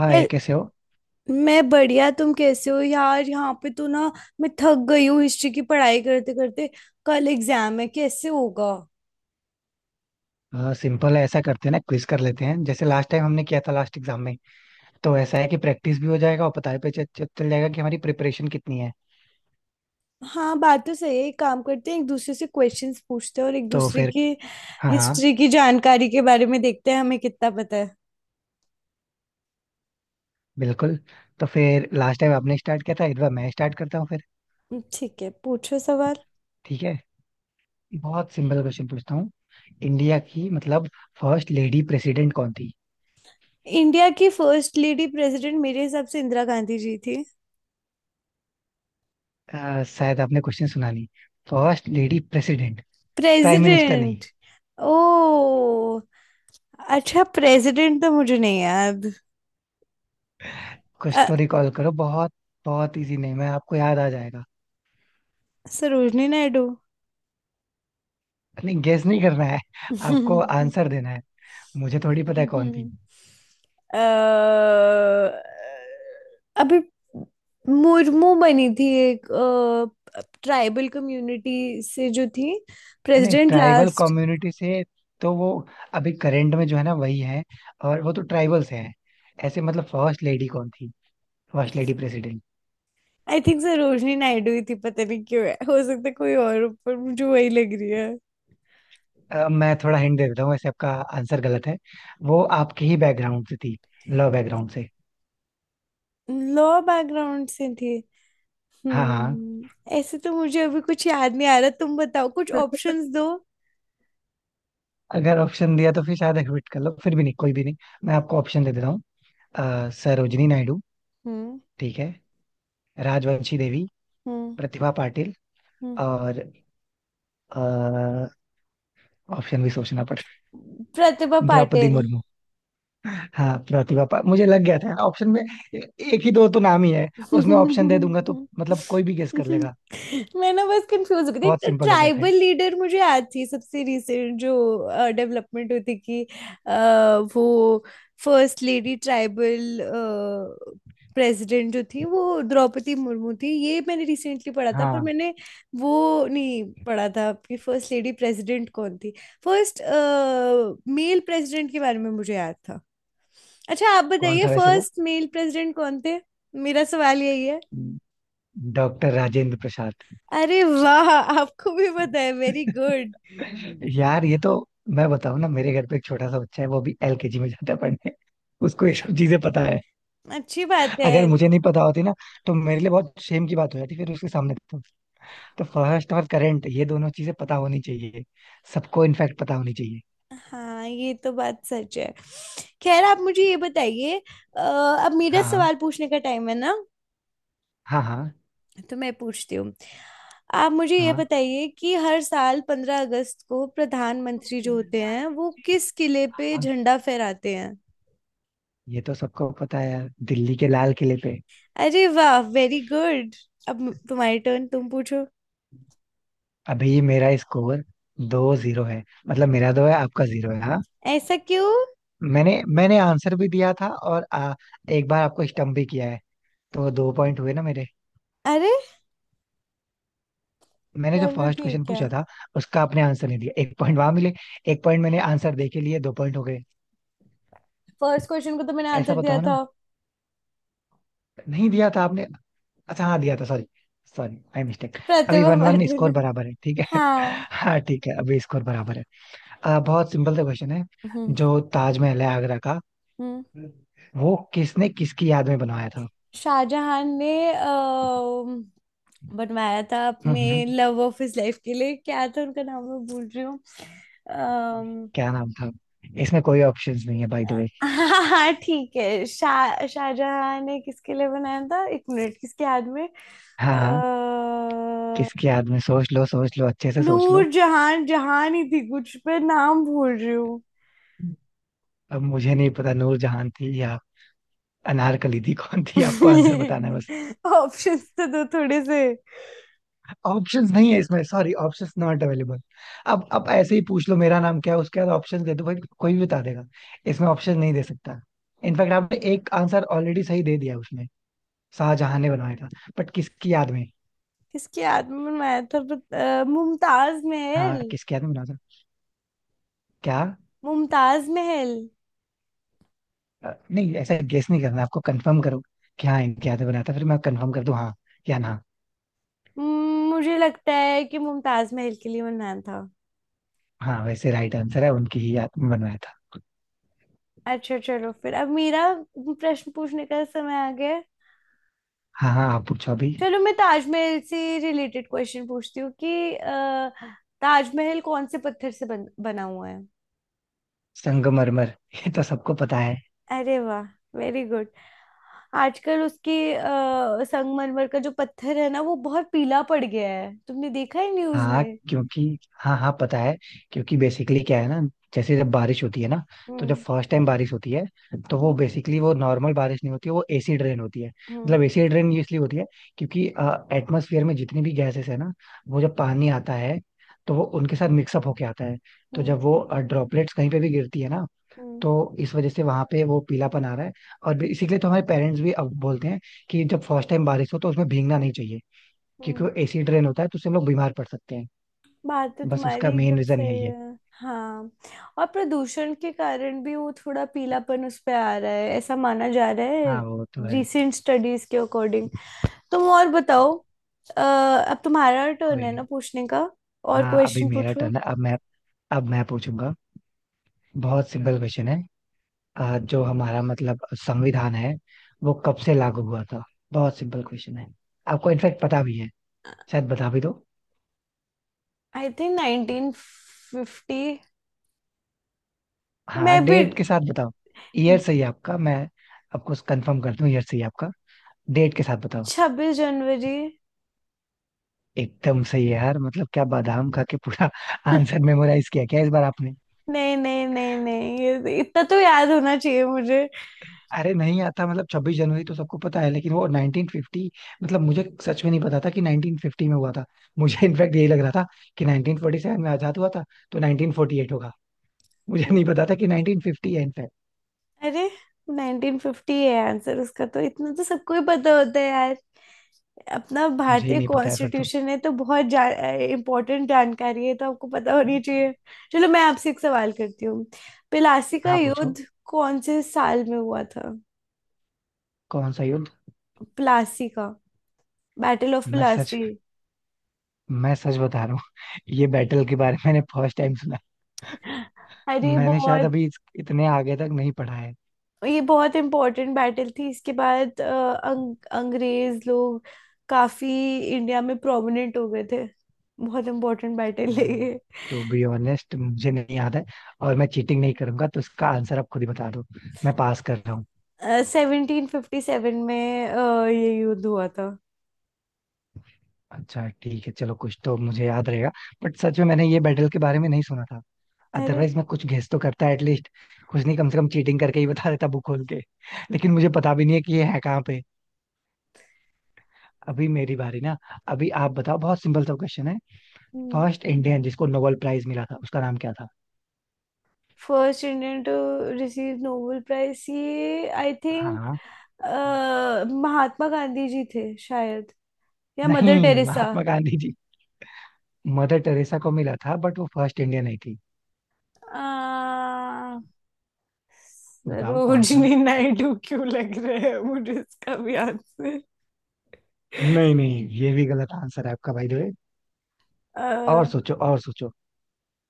हाँ ये हे- कैसे हो। मैं बढ़िया, तुम कैसे हो यार? यहाँ पे तो ना मैं थक गई हूँ हिस्ट्री की पढ़ाई करते करते। कल एग्जाम है, कैसे होगा। सिंपल है ऐसा करते हैं ना, क्विज कर लेते हैं जैसे लास्ट टाइम हमने किया था लास्ट एग्जाम में। तो ऐसा है कि प्रैक्टिस भी हो जाएगा और पता भी चल चल- चल जाएगा कि हमारी प्रिपरेशन कितनी है। हाँ, बात तो सही है। एक काम करते हैं, एक दूसरे से क्वेश्चंस पूछते हैं और एक तो दूसरे फिर की हाँ हाँ। हिस्ट्री की जानकारी के बारे में देखते हैं हमें कितना पता है। बिल्कुल। तो फिर लास्ट टाइम आपने स्टार्ट किया था, इस बार मैं स्टार्ट करता हूँ फिर। ठीक है, पूछो सवाल। ठीक है। बहुत सिंपल क्वेश्चन पूछता हूँ। इंडिया की मतलब फर्स्ट लेडी प्रेसिडेंट कौन थी? इंडिया की फर्स्ट लेडी प्रेसिडेंट मेरे हिसाब से इंदिरा गांधी जी थी। शायद आपने क्वेश्चन सुना नहीं। First lady president, prime minister नहीं। प्रेसिडेंट? ओ, अच्छा, प्रेसिडेंट तो मुझे नहीं याद। कुछ तो अ, रिकॉल करो। बहुत बहुत इजी नहीं, मैं आपको याद आ जाएगा। सरोजनी नायडू। नहीं, गेस नहीं करना है। आपको अ, आंसर देना है। मुझे थोड़ी पता है कौन थी। अभी मुर्मू बनी थी, एक ट्राइबल कम्युनिटी से जो थी, है नहीं प्रेसिडेंट ट्राइबल लास्ट। कम्युनिटी से। तो वो अभी करेंट में जो है ना वही है, और वो तो ट्राइबल से है। ऐसे मतलब फर्स्ट लेडी कौन थी, first lady president. I think Sarojini Naidu ही थी, पता नहीं क्यों है, हो सकता है कोई और हो, पर मुझे वही लग रही है। मैं थोड़ा हिंट दे देता हूँ वैसे। आपका आंसर गलत है। वो आपके ही बैकग्राउंड से थी, लॉ बैकग्राउंड से। लॉ बैकग्राउंड से थी। हाँ हाँ। हम्म। ऐसे तो मुझे अभी कुछ याद नहीं आ रहा, तुम बताओ कुछ ऑप्शंस दो। अगर ऑप्शन दिया तो फिर शायद एक्विट कर लो, फिर भी नहीं कोई भी नहीं। मैं आपको ऑप्शन दे देता हूँ। सरोजिनी नायडू, हम्म। ठीक है। राजवंशी देवी। हम्म। प्रतिभा पाटिल। हम्म। और ऑप्शन भी सोचना पड़ेगा। प्रतिभा द्रौपदी पाटिल। मुर्मू। हाँ, मुझे लग गया था ऑप्शन में। ए- एक ही दो तो नाम ही है। उसमें ऑप्शन दे दूंगा तो मतलब कोई भी गेस कर लेगा। मैं ना बस कंफ्यूज हो गई बहुत थी, सिंपल हो गया था ये। ट्राइबल लीडर मुझे याद थी सबसे रिसेंट जो डेवलपमेंट हुई थी कि अ, वो फर्स्ट लेडी ट्राइबल प्रेसिडेंट जो थी वो द्रौपदी मुर्मू थी। ये मैंने रिसेंटली पढ़ा था, पर हाँ, मैंने वो नहीं पढ़ा था कि फर्स्ट लेडी प्रेसिडेंट कौन थी। फर्स्ट मेल प्रेसिडेंट के बारे में मुझे याद था। अच्छा, आप कौन बताइए, था वैसे वो? फर्स्ट मेल प्रेसिडेंट कौन थे? मेरा सवाल यही है। डॉक्टर राजेंद्र प्रसाद। अरे वाह, आपको भी पता है, वेरी गुड। यार ये तो, मैं बताऊं ना, मेरे घर पे एक छोटा सा बच्चा है, वो भी एलकेजी में जाता है पढ़ने। उसको ये सब चीजें पता है। अच्छी बात है। अगर मुझे नहीं पता होती ना, तो मेरे लिए बहुत शेम की बात हो जाती फिर उसके सामने तो। तो फर्स्ट और करंट ये दोनों चीजें पता होनी चाहिए सबको, इनफैक्ट पता होनी चाहिए। हाँ, ये तो बात सच है। खैर, आप मुझे ये बताइए, अब मेरा हाँ सवाल पूछने का टाइम है ना। हाँ। हाँ तो मैं पूछती हूँ। आप मुझे ये हाँ। बताइए कि हर साल 15 अगस्त को प्रधानमंत्री जो होते हैं वो किस किले पे हाँ, झंडा फहराते हैं। ये तो सबको पता है यार, दिल्ली के लाल किले पे। अरे वाह, वेरी गुड। अब तुम्हारी टर्न, तुम पूछो। अभी मेरा स्कोर दो जीरो है, मतलब मेरा दो है आपका जीरो है हाँ। ऐसा क्यों? मैंने मैंने आंसर भी दिया था और एक बार आपको स्टम्प भी किया है, तो दो पॉइंट हुए ना मेरे। अरे, मैंने जो चलो फर्स्ट क्वेश्चन ठीक है। पूछा था उसका आपने आंसर नहीं दिया, एक पॉइंट वहां मिले, एक पॉइंट मैंने आंसर दे के लिए, दो पॉइंट हो गए। फर्स्ट क्वेश्चन को तो मैंने ऐसा आंसर दिया बताओ ना, था। नहीं दिया था आपने। अच्छा हाँ, दिया था, सॉरी। Sorry I mistake. अभी Pratibha one one Patil. Score बराबर है, ठीक है। हाँ। हाँ, ठीक है, अभी स्कोर बराबर है। बहुत सिंपल सा क्वेश्चन है। हम्म। जो ताजमहल है आगरा का, हम्म। वो किसने किसकी याद में बनवाया था? शाहजहां ने बनवाया था हम्म अपने हम्म, लव ऑफ हिज लाइफ के लिए। क्या था उनका नाम, मैं भूल रही हूँ। अम्म, क्या नाम था? इसमें कोई ऑप्शंस नहीं है बाय द वे। हाँ हाँ ठीक है, शाहजहां ने किसके लिए बनाया था, एक मिनट, किसके याद में। हाँ हाँ। किसकी अ, याद में, सोच लो, सोच लो, अच्छे से सोच नूर लो। जहान जहान ही थी कुछ पे, नाम भूल रही हूँ। अब मुझे नहीं पता नूरजहान थी या अनारकली थी कौन थी, आपको आंसर बताना है बस। ऑप्शंस तो दो थोड़े से। ऑप्शंस नहीं है इसमें, सॉरी, ऑप्शंस नॉट अवेलेबल। अब ऐसे ही पूछ लो मेरा नाम क्या है, उसके बाद ऑप्शन दे दो भाई, कोई भी बता देगा। इसमें ऑप्शन नहीं दे सकता। इनफैक्ट आपने एक आंसर ऑलरेडी सही दे दिया उसमें, शाहजहां ने बनवाया था, बट किसकी याद में? किसके याद में बनवाया था, मुमताज हाँ, महल। किसकी याद में बनाया था? क्या? मुमताज महल। नहीं, ऐसा गेस नहीं करना, आपको कंफर्म करो कि हाँ इनकी याद में बनाया था, फिर मैं कंफर्म कर दूं हाँ या ना। मुझे लगता है कि मुमताज महल के लिए बनवाया था। हाँ, वैसे राइट आंसर है, उनकी ही याद में बनवाया था। अच्छा चलो, फिर अब मेरा प्रश्न पूछने का समय आ गया है। हाँ हाँ, आप पूछो अभी। चलो मैं ताजमहल से रिलेटेड क्वेश्चन पूछती हूँ कि ताजमहल कौन से पत्थर से बना हुआ है? संगमरमर, ये तो सबको पता है। अरे वाह, वेरी गुड। आजकल उसकी संगमरमर का जो पत्थर है ना वो बहुत पीला पड़ गया है, तुमने देखा है न्यूज हाँ। में। क्योंकि, हाँ हाँ पता है, क्योंकि बेसिकली क्या है ना, जैसे जब बारिश होती है ना, तो जब हम्म। फर्स्ट टाइम बारिश होती है, तो वो हम्म। बेसिकली वो नॉर्मल बारिश नहीं होती है, वो एसिड रेन होती है। हम्म। मतलब एसिड रेन इसलिए होती है क्योंकि एटमॉस्फेयर में जितनी भी गैसेस है ना, वो जब पानी आता है तो वो उनके साथ मिक्सअप होके आता है। तो हम्म। जब वो ड्रॉपलेट्स कहीं पे भी गिरती है ना, हम्म। तो इस वजह से वहां पे वो पीलापन आ रहा है। और इसीलिए तो हमारे पेरेंट्स भी अब बोलते हैं कि जब फर्स्ट टाइम बारिश हो तो उसमें भीगना नहीं चाहिए, क्योंकि हम्म। वो एसिड रेन होता है, तो उससे हम लोग बीमार पड़ सकते हैं। बात तो बस तुम्हारी उसका मेन एकदम रीजन सही यही है। है, हाँ। और प्रदूषण के कारण भी वो थोड़ा पीलापन उस पे आ रहा है, ऐसा माना जा रहा है, हाँ वो तो है। रिसेंट स्टडीज के अकॉर्डिंग। तुम और बताओ। अब तुम्हारा टर्न कोई है ना नहीं। पूछने का। और हाँ अभी क्वेश्चन मेरा पूछो। टर्न है, अब मैं, अब मैं पूछूंगा। बहुत सिंपल क्वेश्चन है। जो हमारा मतलब संविधान है, वो कब से लागू हुआ था? बहुत सिंपल क्वेश्चन है, आपको इनफेक्ट पता भी है, शायद बता भी दो। आई थिंक 1950। हाँ, मे बी। डेट के साथ बताओ। ईयर सही है आपका, मैं आपको कंफर्म करता हूँ, ईयर सही है आपका, डेट के साथ बताओ। 26 जनवरी। एकदम सही है यार, मतलब क्या बादाम खा के पूरा आंसर मेमोराइज किया क्या इस बार आपने? नहीं नहीं नहीं नहीं, ये तो इतना तो याद होना चाहिए मुझे। अरे, नहीं आता मतलब छब्बीस जनवरी तो सबको पता है, लेकिन वो 1950, मतलब मुझे सच में नहीं पता था कि 1950 में हुआ था मुझे। इनफैक्ट यही लग रहा था कि 1947 में आजाद हुआ था, तो 1948 होगा, मुझे नहीं पता था कि 1950 है इनफैक्ट। अरे, 1950 है आंसर उसका, तो इतना तो सबको ही पता होता है यार, अपना मुझे ही भारतीय नहीं पता है फिर तो। कॉन्स्टिट्यूशन है तो बहुत इम्पोर्टेंट जानकारी है, तो आपको पता होनी चाहिए। चलो मैं आपसे एक सवाल करती हूँ, प्लासी का हाँ पूछो। युद्ध कौन से साल में हुआ था? कौन सा युद्ध? प्लासी का। बैटल ऑफ मैं सच प्लासी। मैं सच बता रहा हूँ, ये बैटल के बारे में मैंने फर्स्ट टाइम सुना। अरे मैंने शायद बहुत, अभी इतने आगे तक नहीं पढ़ा है। ये बहुत इम्पोर्टेंट बैटल थी, इसके बाद अंग्रेज लोग काफी इंडिया में प्रोमिनेंट हो गए थे, बहुत इम्पोर्टेंट बैटल है ये। टू बी ऑनेस्ट मुझे नहीं याद है, और मैं चीटिंग नहीं करूंगा, तो इसका आंसर आप खुद ही बता दो, मैं पास कर रहा हूँ। 1757 में ये युद्ध हुआ था। अच्छा ठीक है चलो, कुछ तो मुझे याद रहेगा। बट सच में मैंने ये बैटल के बारे में नहीं सुना था, अरे। अदरवाइज मैं कुछ गेस तो करता एटलीस्ट। कुछ नहीं, कम से कम चीटिंग करके ही बता देता बुक खोल के, लेकिन मुझे पता भी नहीं है कि ये है कहाँ पे। अभी मेरी बारी ना, अभी आप बताओ। बहुत सिंपल सा क्वेश्चन है। फर्स्ट इंडियन जिसको नोबेल प्राइज मिला था उसका नाम क्या था? First Indian to receive Nobel prize, ये आई थिंक हाँ। महात्मा गांधी जी थे शायद, या मदर नहीं Teresa. Mahatma Gandhi ji, Mother Teresa को मिला था, बट वो फर्स्ट इंडियन नहीं थी। आ, बताओ कौन था। सरोजनी नायडू क्यों लग रहा है मुझे इसका भी आंसर। नहीं नहीं, ये भी गलत आंसर है आपका, भाई द वे। अ, और सोचो, और सोचो,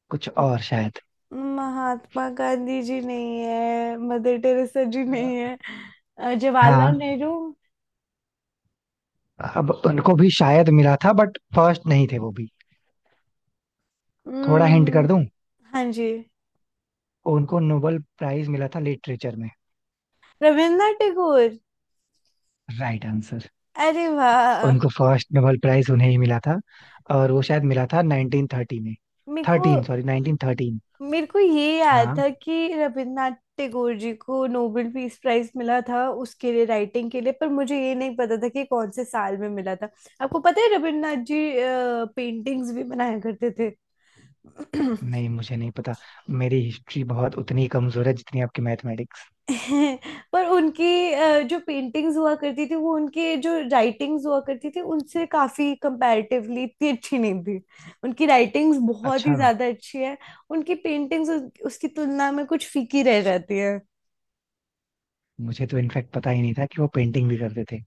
कुछ म- और शायद। महात्मा गांधी जी नहीं है, मदर टेरेसा जी नहीं है। जवाहरलाल हाँ, नेहरू। अब उनको भी शायद मिला था बट फर्स्ट नहीं थे वो भी। थोड़ा हिंट कर दूं? हम्म, हाँ जी। उनको नोबेल प्राइज मिला था लिटरेचर में। रविन्द्रनाथ टैगोर। Right answer. अरे वाह। उनको फर्स्ट नोबेल प्राइज, उन्हें ही मिला था। और वो शायद मिला था 1930 में, मेरे को थर्टीन सॉरी 1913। मेरे को ये याद हाँ। था कि रविन्द्रनाथ टैगोर जी को नोबेल पीस प्राइज मिला था उसके लिए राइटिंग के लिए, पर मुझे ये नहीं पता था कि कौन से साल में मिला था। आपको पता है रविन्द्रनाथ जी पेंटिंग्स भी बनाया करते थे। नहीं मुझे नहीं पता। मेरी हिस्ट्री बहुत उतनी कमजोर है जितनी आपकी मैथमेटिक्स। पर उनकी जो पेंटिंग्स हुआ करती थी वो उनके जो राइटिंग्स हुआ करती थी उनसे काफी कंपैरेटिवली इतनी अच्छी नहीं थी, उनकी राइटिंग्स बहुत ही अच्छा। ज्यादा अच्छी है, उनकी पेंटिंग्स उसकी तुलना में कुछ फीकी रह जाती मुझे तो इनफैक्ट पता ही नहीं था कि वो पेंटिंग भी करते थे,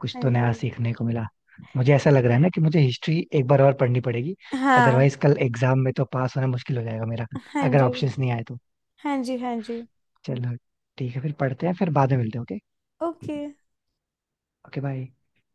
कुछ है। तो नया सीखने को मिला। मुझे ऐसा लग रहा है ना कि मुझे हिस्ट्री एक बार और पढ़नी पड़ेगी, हाँ। अदरवाइज कल एग्जाम में तो पास होना मुश्किल हो जाएगा मेरा, हाँ अगर जी। ऑप्शंस नहीं आए तो। हाँ जी। हाँ जी। चलो ठीक है फिर, पढ़ते हैं फिर, बाद में मिलते हैं, ओके। ओके। Okay bye.